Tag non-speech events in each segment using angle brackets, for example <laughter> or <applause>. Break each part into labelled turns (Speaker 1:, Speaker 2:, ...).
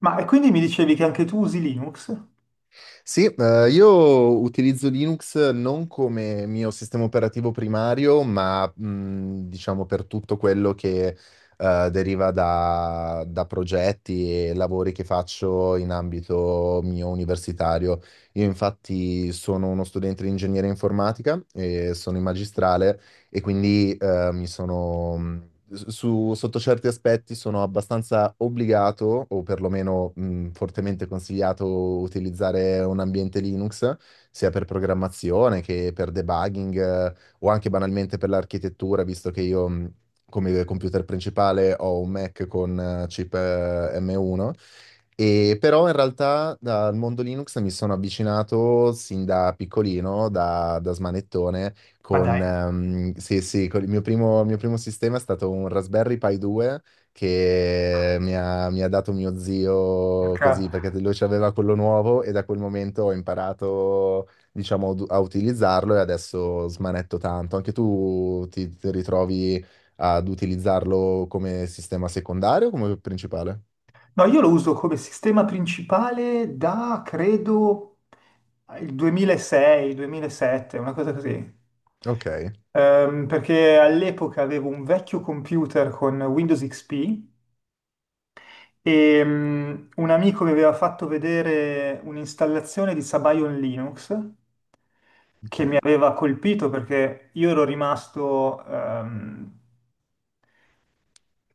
Speaker 1: Ma e quindi mi dicevi che anche tu usi Linux?
Speaker 2: Sì, io utilizzo Linux non come mio sistema operativo primario, ma diciamo per tutto quello che deriva da progetti e lavori che faccio in ambito mio universitario. Io infatti sono uno studente di ingegneria informatica e sono in magistrale e quindi mi sono, sotto certi aspetti sono abbastanza obbligato, o perlomeno fortemente consigliato utilizzare un ambiente Linux, sia per programmazione che per debugging, o anche banalmente per l'architettura, visto che io come computer principale ho un Mac con chip M1. E però in realtà dal mondo Linux mi sono avvicinato sin da piccolino, da smanettone,
Speaker 1: Ma dai,
Speaker 2: sì, sì, con il mio primo sistema è stato un Raspberry Pi 2 che mi ha dato mio zio così, perché
Speaker 1: porca-
Speaker 2: lui ci aveva quello nuovo e da quel momento ho imparato, diciamo, a utilizzarlo e adesso smanetto tanto. Anche tu ti ritrovi ad utilizzarlo come sistema secondario o come principale?
Speaker 1: no, io lo uso come sistema principale da credo il 2006, 2007, una cosa così.
Speaker 2: Ok,
Speaker 1: Perché all'epoca avevo un vecchio computer con Windows XP e un amico mi aveva fatto vedere un'installazione di Sabayon Linux che mi
Speaker 2: ok.
Speaker 1: aveva colpito perché io ero rimasto ehm,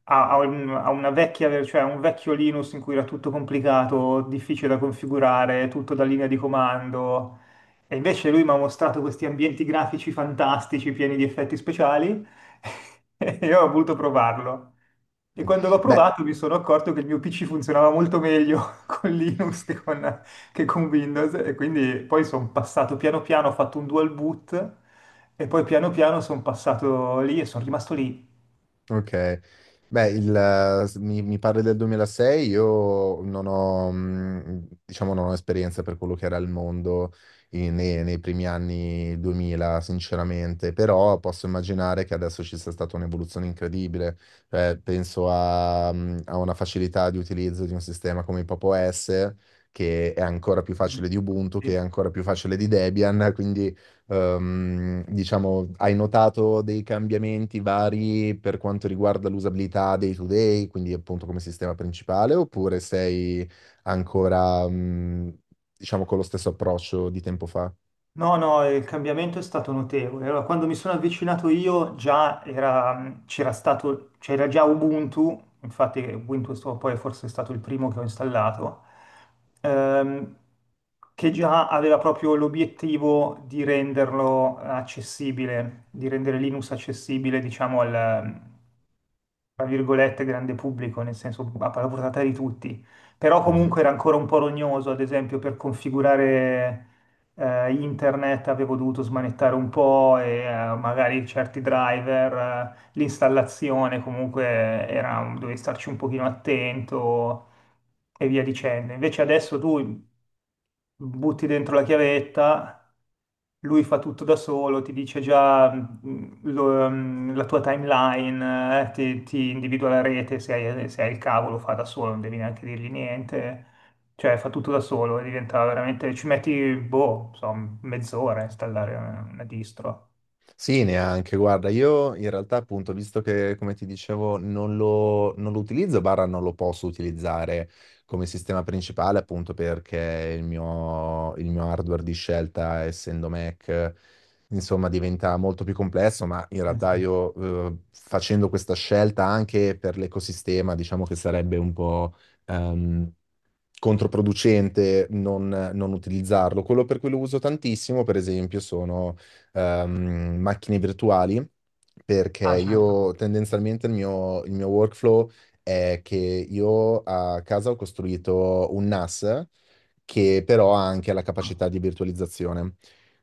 Speaker 1: ha, ha un- ha una cioè un vecchio Linux in cui era tutto complicato, difficile da configurare, tutto da linea di comando. E invece lui mi ha mostrato questi ambienti grafici fantastici, pieni di effetti speciali, <laughs> e io ho voluto provarlo. E quando l'ho
Speaker 2: Beh,
Speaker 1: provato mi sono accorto che il mio PC funzionava molto meglio <laughs> con che con Windows, e quindi poi sono passato piano piano, ho fatto un dual boot, e poi piano piano sono passato lì e sono rimasto lì.
Speaker 2: ok, beh, il, mi parli del 2006, io non ho, diciamo, non ho esperienza per quello che era il mondo nei primi anni 2000, sinceramente, però posso immaginare che adesso ci sia stata un'evoluzione incredibile. Cioè, penso a una facilità di utilizzo di un sistema come Pop OS, che è ancora più
Speaker 1: Mm.
Speaker 2: facile di Ubuntu, che è
Speaker 1: Sì.
Speaker 2: ancora più facile di Debian, quindi diciamo, hai notato dei cambiamenti vari per quanto riguarda l'usabilità day to day, quindi appunto come sistema principale, oppure sei ancora, diciamo, con lo stesso approccio di tempo fa?
Speaker 1: No, no, il cambiamento è stato notevole. Allora, quando mi sono avvicinato io c'era stato, c'era già Ubuntu, infatti poi forse è stato il primo che ho installato, ehm, che già aveva proprio l'obiettivo di renderlo accessibile, di rendere Linux accessibile, diciamo, al, tra virgolette, grande pubblico, nel senso a alla portata di tutti. Però comunque era ancora un po' rognoso, ad esempio per configurare internet avevo dovuto smanettare un po' e magari certi driver, l'installazione comunque era, dovevi starci un pochino attento e via dicendo. Invece adesso tu butti dentro la chiavetta, lui fa tutto da solo, ti dice già la tua timeline, ti individua la rete, se hai il cavo lo fa da solo, non devi neanche dirgli niente, cioè fa tutto da solo e diventa veramente, ci metti, boh, insomma, mezz'ora a installare una distro.
Speaker 2: Sì, neanche. Guarda, io in realtà appunto, visto che come ti dicevo non lo utilizzo, barra non lo posso utilizzare come sistema principale appunto perché il mio hardware di scelta, essendo Mac, insomma diventa molto più complesso, ma in
Speaker 1: Eh
Speaker 2: realtà
Speaker 1: sì.
Speaker 2: io facendo questa scelta anche per l'ecosistema, diciamo che sarebbe un po' ehm, controproducente non utilizzarlo. Quello per cui lo uso tantissimo, per esempio, sono macchine virtuali, perché
Speaker 1: Ah, certo.
Speaker 2: io tendenzialmente il mio workflow è che io a casa ho costruito un NAS che però ha anche la capacità di virtualizzazione.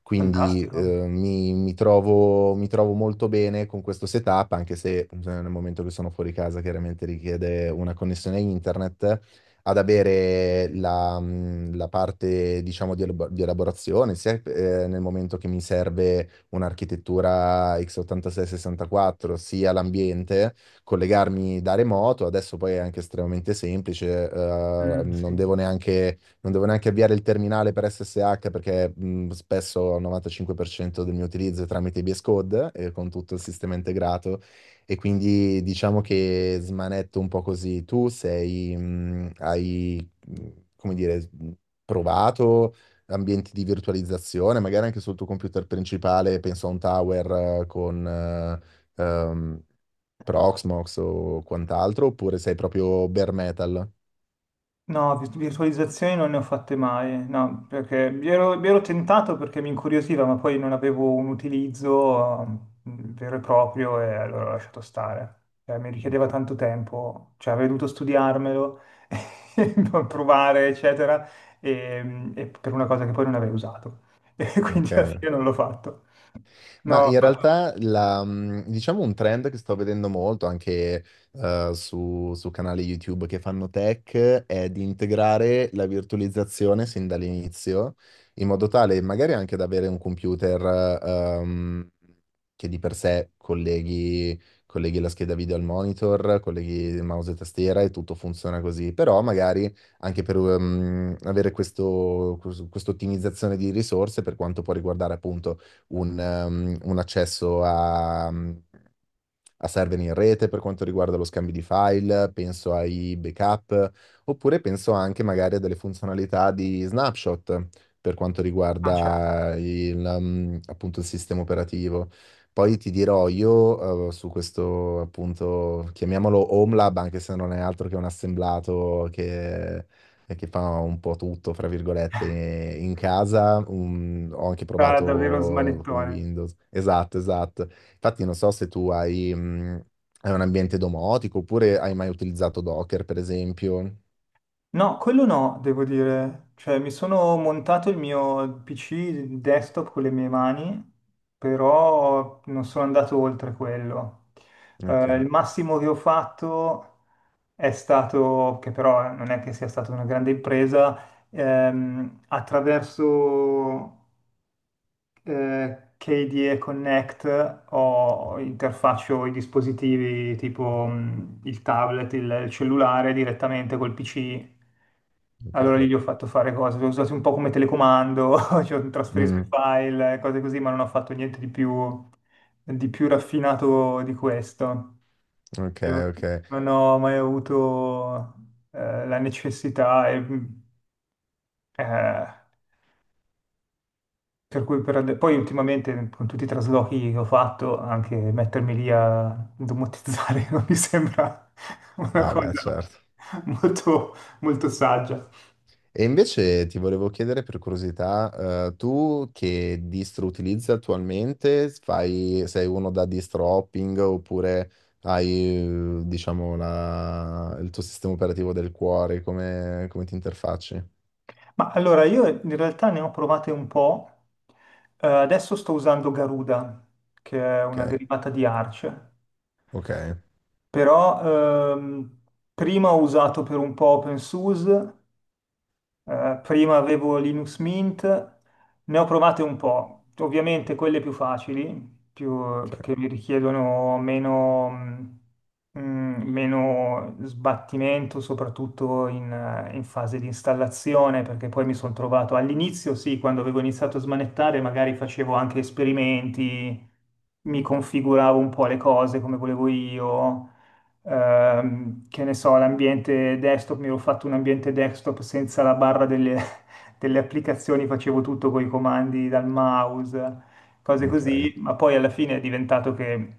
Speaker 2: Quindi
Speaker 1: Fantastico.
Speaker 2: mi trovo molto bene con questo setup, anche se nel momento che sono fuori casa chiaramente richiede una connessione internet, ad avere la parte, diciamo, di elaborazione, sia nel momento che mi serve un'architettura x86-64, sia l'ambiente, collegarmi da remoto, adesso poi è anche estremamente semplice,
Speaker 1: Mm,
Speaker 2: non
Speaker 1: sì.
Speaker 2: devo neanche, non devo neanche avviare il terminale per SSH perché spesso il 95% del mio utilizzo è tramite VS Code e con tutto il sistema integrato e quindi diciamo che smanetto un po' così. Tu sei, hai, come dire, provato ambienti di virtualizzazione, magari anche sul tuo computer principale, penso a un tower con Proxmox o quant'altro, oppure sei proprio bare metal?
Speaker 1: No, virtualizzazioni non ne ho fatte mai, no, perché mi ero tentato perché mi incuriosiva, ma poi non avevo un utilizzo vero e proprio e allora ho lasciato stare. Cioè, mi richiedeva tanto tempo, cioè avrei dovuto studiarmelo, <laughs> e provare, eccetera, e per una cosa che poi non avrei usato. <laughs> E quindi
Speaker 2: Ok.
Speaker 1: alla fine non l'ho fatto.
Speaker 2: Ma
Speaker 1: No,
Speaker 2: in realtà diciamo un trend che sto vedendo molto anche su canali YouTube che fanno tech è di integrare la virtualizzazione sin dall'inizio, in modo tale magari anche ad avere un computer ehm, che di per sé colleghi, colleghi la scheda video al monitor, colleghi il mouse e tastiera e tutto funziona così, però magari anche per avere questa ottimizzazione di risorse per quanto può riguardare appunto un accesso a server in rete per quanto riguarda lo scambio di file, penso ai backup, oppure penso anche magari a delle funzionalità di snapshot per quanto
Speaker 1: ah, certo,
Speaker 2: riguarda il, appunto il sistema operativo. Poi ti dirò io, su questo appunto, chiamiamolo Home Lab, anche se non è altro che un assemblato che fa un po' tutto, fra virgolette,
Speaker 1: <laughs>
Speaker 2: in casa. Ho anche
Speaker 1: era davvero
Speaker 2: provato con
Speaker 1: smanettone.
Speaker 2: Windows. Esatto, esatto. Infatti non so se tu hai un ambiente domotico oppure hai mai utilizzato Docker, per esempio.
Speaker 1: No, quello no, devo dire. Cioè, mi sono montato il mio PC desktop con le mie mani, però non sono andato oltre quello.
Speaker 2: Ok,
Speaker 1: Il massimo che ho fatto è stato, che però non è che sia stata una grande impresa, attraverso KDE Connect o interfaccio i dispositivi tipo il tablet, il cellulare direttamente col PC. Allora lì gli ho
Speaker 2: ok.
Speaker 1: fatto fare cose, l'ho usato un po' come telecomando, <laughs> cioè trasferisco
Speaker 2: Mm,
Speaker 1: i file, cose così, ma non ho fatto niente di più, di più raffinato di questo.
Speaker 2: ok,
Speaker 1: Io
Speaker 2: ok.
Speaker 1: non ho mai avuto la necessità e, eh, per cui poi ultimamente con tutti i traslochi che ho fatto, anche mettermi lì a domotizzare <laughs> non mi sembra una
Speaker 2: No, beh,
Speaker 1: cosa
Speaker 2: certo.
Speaker 1: molto, molto saggia.
Speaker 2: E invece ti volevo chiedere per curiosità, tu che distro utilizzi attualmente? Sei uno da distro hopping oppure hai, diciamo, il tuo sistema operativo del cuore? Come ti interfacci?
Speaker 1: Ma allora io in realtà ne ho provate un po'. Adesso sto usando Garuda, che è
Speaker 2: Ok,
Speaker 1: una derivata di Arch,
Speaker 2: ok,
Speaker 1: però prima ho usato per un po' OpenSUSE. Prima avevo Linux Mint, ne ho provate un po', ovviamente quelle più facili,
Speaker 2: ok,
Speaker 1: che mi richiedono meno, mh, meno sbattimento, soprattutto in fase di installazione, perché poi mi sono trovato all'inizio, sì, quando avevo iniziato a smanettare, magari facevo anche esperimenti, mi configuravo un po' le cose come volevo io. Che ne so, l'ambiente mi ero fatto un ambiente desktop senza <laughs> delle applicazioni, facevo tutto con i comandi dal mouse, cose
Speaker 2: ok,
Speaker 1: così, ma poi alla fine è diventato che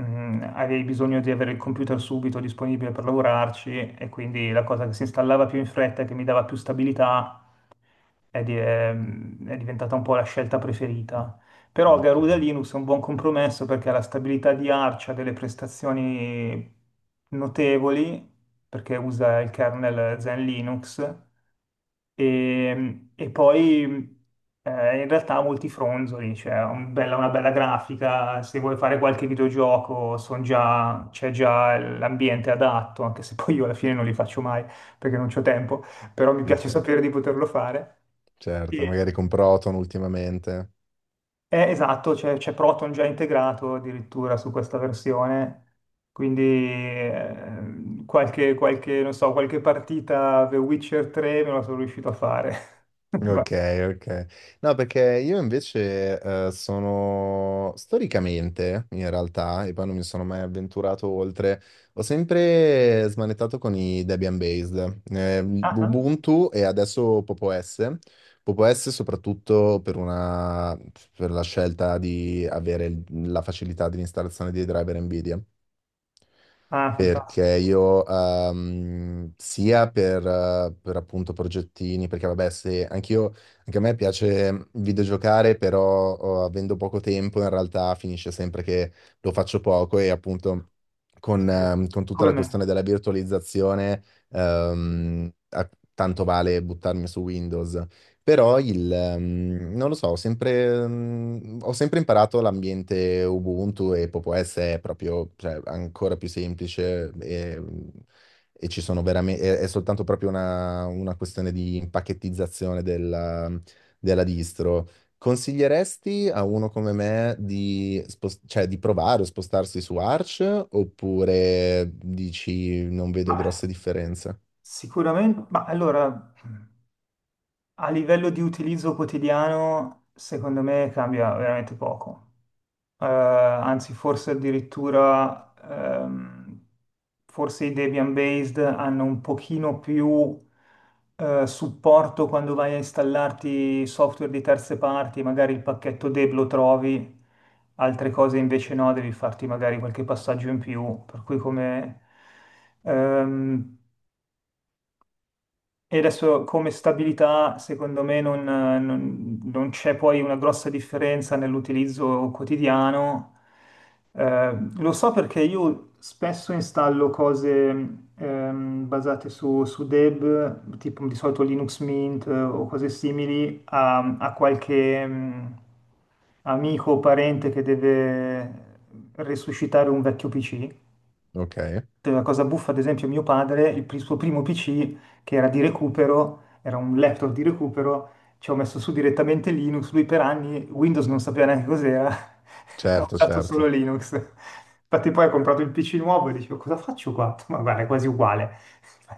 Speaker 1: avevi bisogno di avere il computer subito disponibile per lavorarci e quindi la cosa che si installava più in fretta, che mi dava più stabilità, è diventata un po' la scelta preferita. Però Garuda
Speaker 2: ok.
Speaker 1: Linux è un buon compromesso perché ha la stabilità di Arch, ha delle prestazioni notevoli, perché usa il kernel Zen Linux, e poi in realtà ha molti fronzoli, cioè ha una bella grafica, se vuoi fare qualche videogioco c'è già l'ambiente adatto, anche se poi io alla fine non li faccio mai perché non c'ho tempo, però mi piace
Speaker 2: Ok.
Speaker 1: sapere di poterlo fare.
Speaker 2: Certo,
Speaker 1: Sì.
Speaker 2: magari con Proton ultimamente.
Speaker 1: Esatto, c'è Proton già integrato addirittura su questa versione, quindi qualche, non so, qualche partita The Witcher 3 me la sono riuscito a fare. <laughs> Guarda.
Speaker 2: Ok, ok. No, perché io invece sono storicamente, in realtà, e poi non mi sono mai avventurato oltre, ho sempre smanettato con i Debian based,
Speaker 1: Ah, ah.
Speaker 2: Ubuntu e adesso Popo S. Popo S soprattutto per la scelta di avere la facilità di installazione dei driver NVIDIA.
Speaker 1: Ah,
Speaker 2: Perché
Speaker 1: fantastico,
Speaker 2: io, sia per appunto progettini, perché vabbè, se anch'io, anche a me piace videgiocare, però oh, avendo poco tempo in realtà finisce sempre che lo faccio poco e appunto con,
Speaker 1: sì.
Speaker 2: ehm, con tutta
Speaker 1: Come
Speaker 2: la
Speaker 1: me.
Speaker 2: questione della virtualizzazione, tanto vale buttarmi su Windows. Però non lo so, ho sempre imparato l'ambiente Ubuntu e Popo OS è proprio, cioè, ancora più semplice e ci sono veramente, è soltanto proprio una questione di impacchettizzazione della distro. Consiglieresti a uno come me di, cioè, di provare o spostarsi su Arch oppure dici non vedo
Speaker 1: Ma
Speaker 2: grosse differenze?
Speaker 1: sicuramente, ma allora, a livello di utilizzo quotidiano, secondo me cambia veramente poco. Eh, anzi forse addirittura forse i Debian based hanno un pochino più supporto quando vai a installarti software di terze parti, magari il pacchetto deb lo trovi, altre cose invece no, devi farti magari qualche passaggio in più, per cui come ehm, e adesso come stabilità, secondo me, non c'è poi una grossa differenza nell'utilizzo quotidiano. Lo so perché io spesso installo cose basate su Deb, tipo di solito Linux Mint o cose simili, a qualche amico o parente che deve resuscitare un vecchio PC.
Speaker 2: Ok,
Speaker 1: La cosa buffa, ad esempio, mio padre, suo primo PC, che era di recupero, era un laptop di recupero, ci ho messo su direttamente Linux, lui per anni Windows non sapeva neanche cos'era, <laughs> ha
Speaker 2: certo,
Speaker 1: usato solo
Speaker 2: certo.
Speaker 1: Linux. Infatti poi ha comprato il PC nuovo e dicevo, cosa faccio qua? <laughs> Ma guarda, è quasi uguale,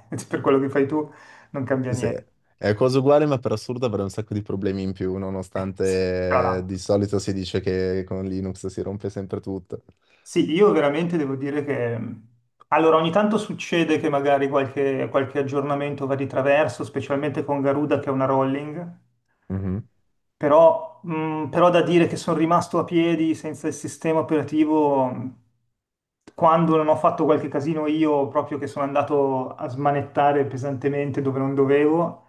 Speaker 1: <laughs> per quello che fai tu non cambia
Speaker 2: Sì, sì.
Speaker 1: niente.
Speaker 2: È cosa uguale, ma per assurdo avrei un sacco di problemi in più,
Speaker 1: <laughs> Sì, tra
Speaker 2: nonostante di
Speaker 1: l'altro.
Speaker 2: solito si dice che con Linux si rompe sempre tutto.
Speaker 1: Sì, io veramente devo dire che mhmm, allora ogni tanto succede che magari qualche aggiornamento va di traverso, specialmente con Garuda che è una rolling.
Speaker 2: Mhm.
Speaker 1: Però, però da dire che sono rimasto a piedi senza il sistema operativo quando non ho fatto qualche casino io, proprio che sono andato a smanettare pesantemente dove non dovevo,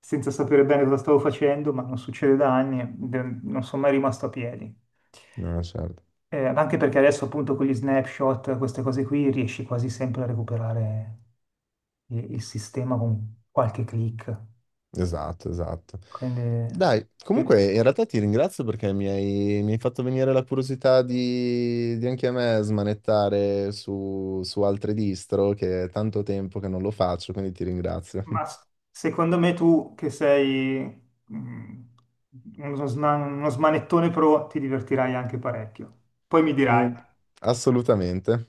Speaker 1: senza sapere bene cosa stavo facendo, ma non succede da anni, non sono mai rimasto a piedi.
Speaker 2: No, certo.
Speaker 1: Anche perché adesso appunto con gli snapshot, queste cose qui, riesci quasi sempre a recuperare il sistema con qualche click.
Speaker 2: Esatto, esatto.
Speaker 1: Quindi...
Speaker 2: Dai, comunque in realtà ti ringrazio perché mi hai fatto venire la curiosità di, anche a me smanettare su altre distro, che è tanto tempo che non lo faccio, quindi ti ringrazio.
Speaker 1: Ma s-
Speaker 2: <laughs>
Speaker 1: secondo me tu che sei mm, uno smanettone pro ti divertirai anche parecchio. Poi mi dirai.
Speaker 2: Mm, assolutamente.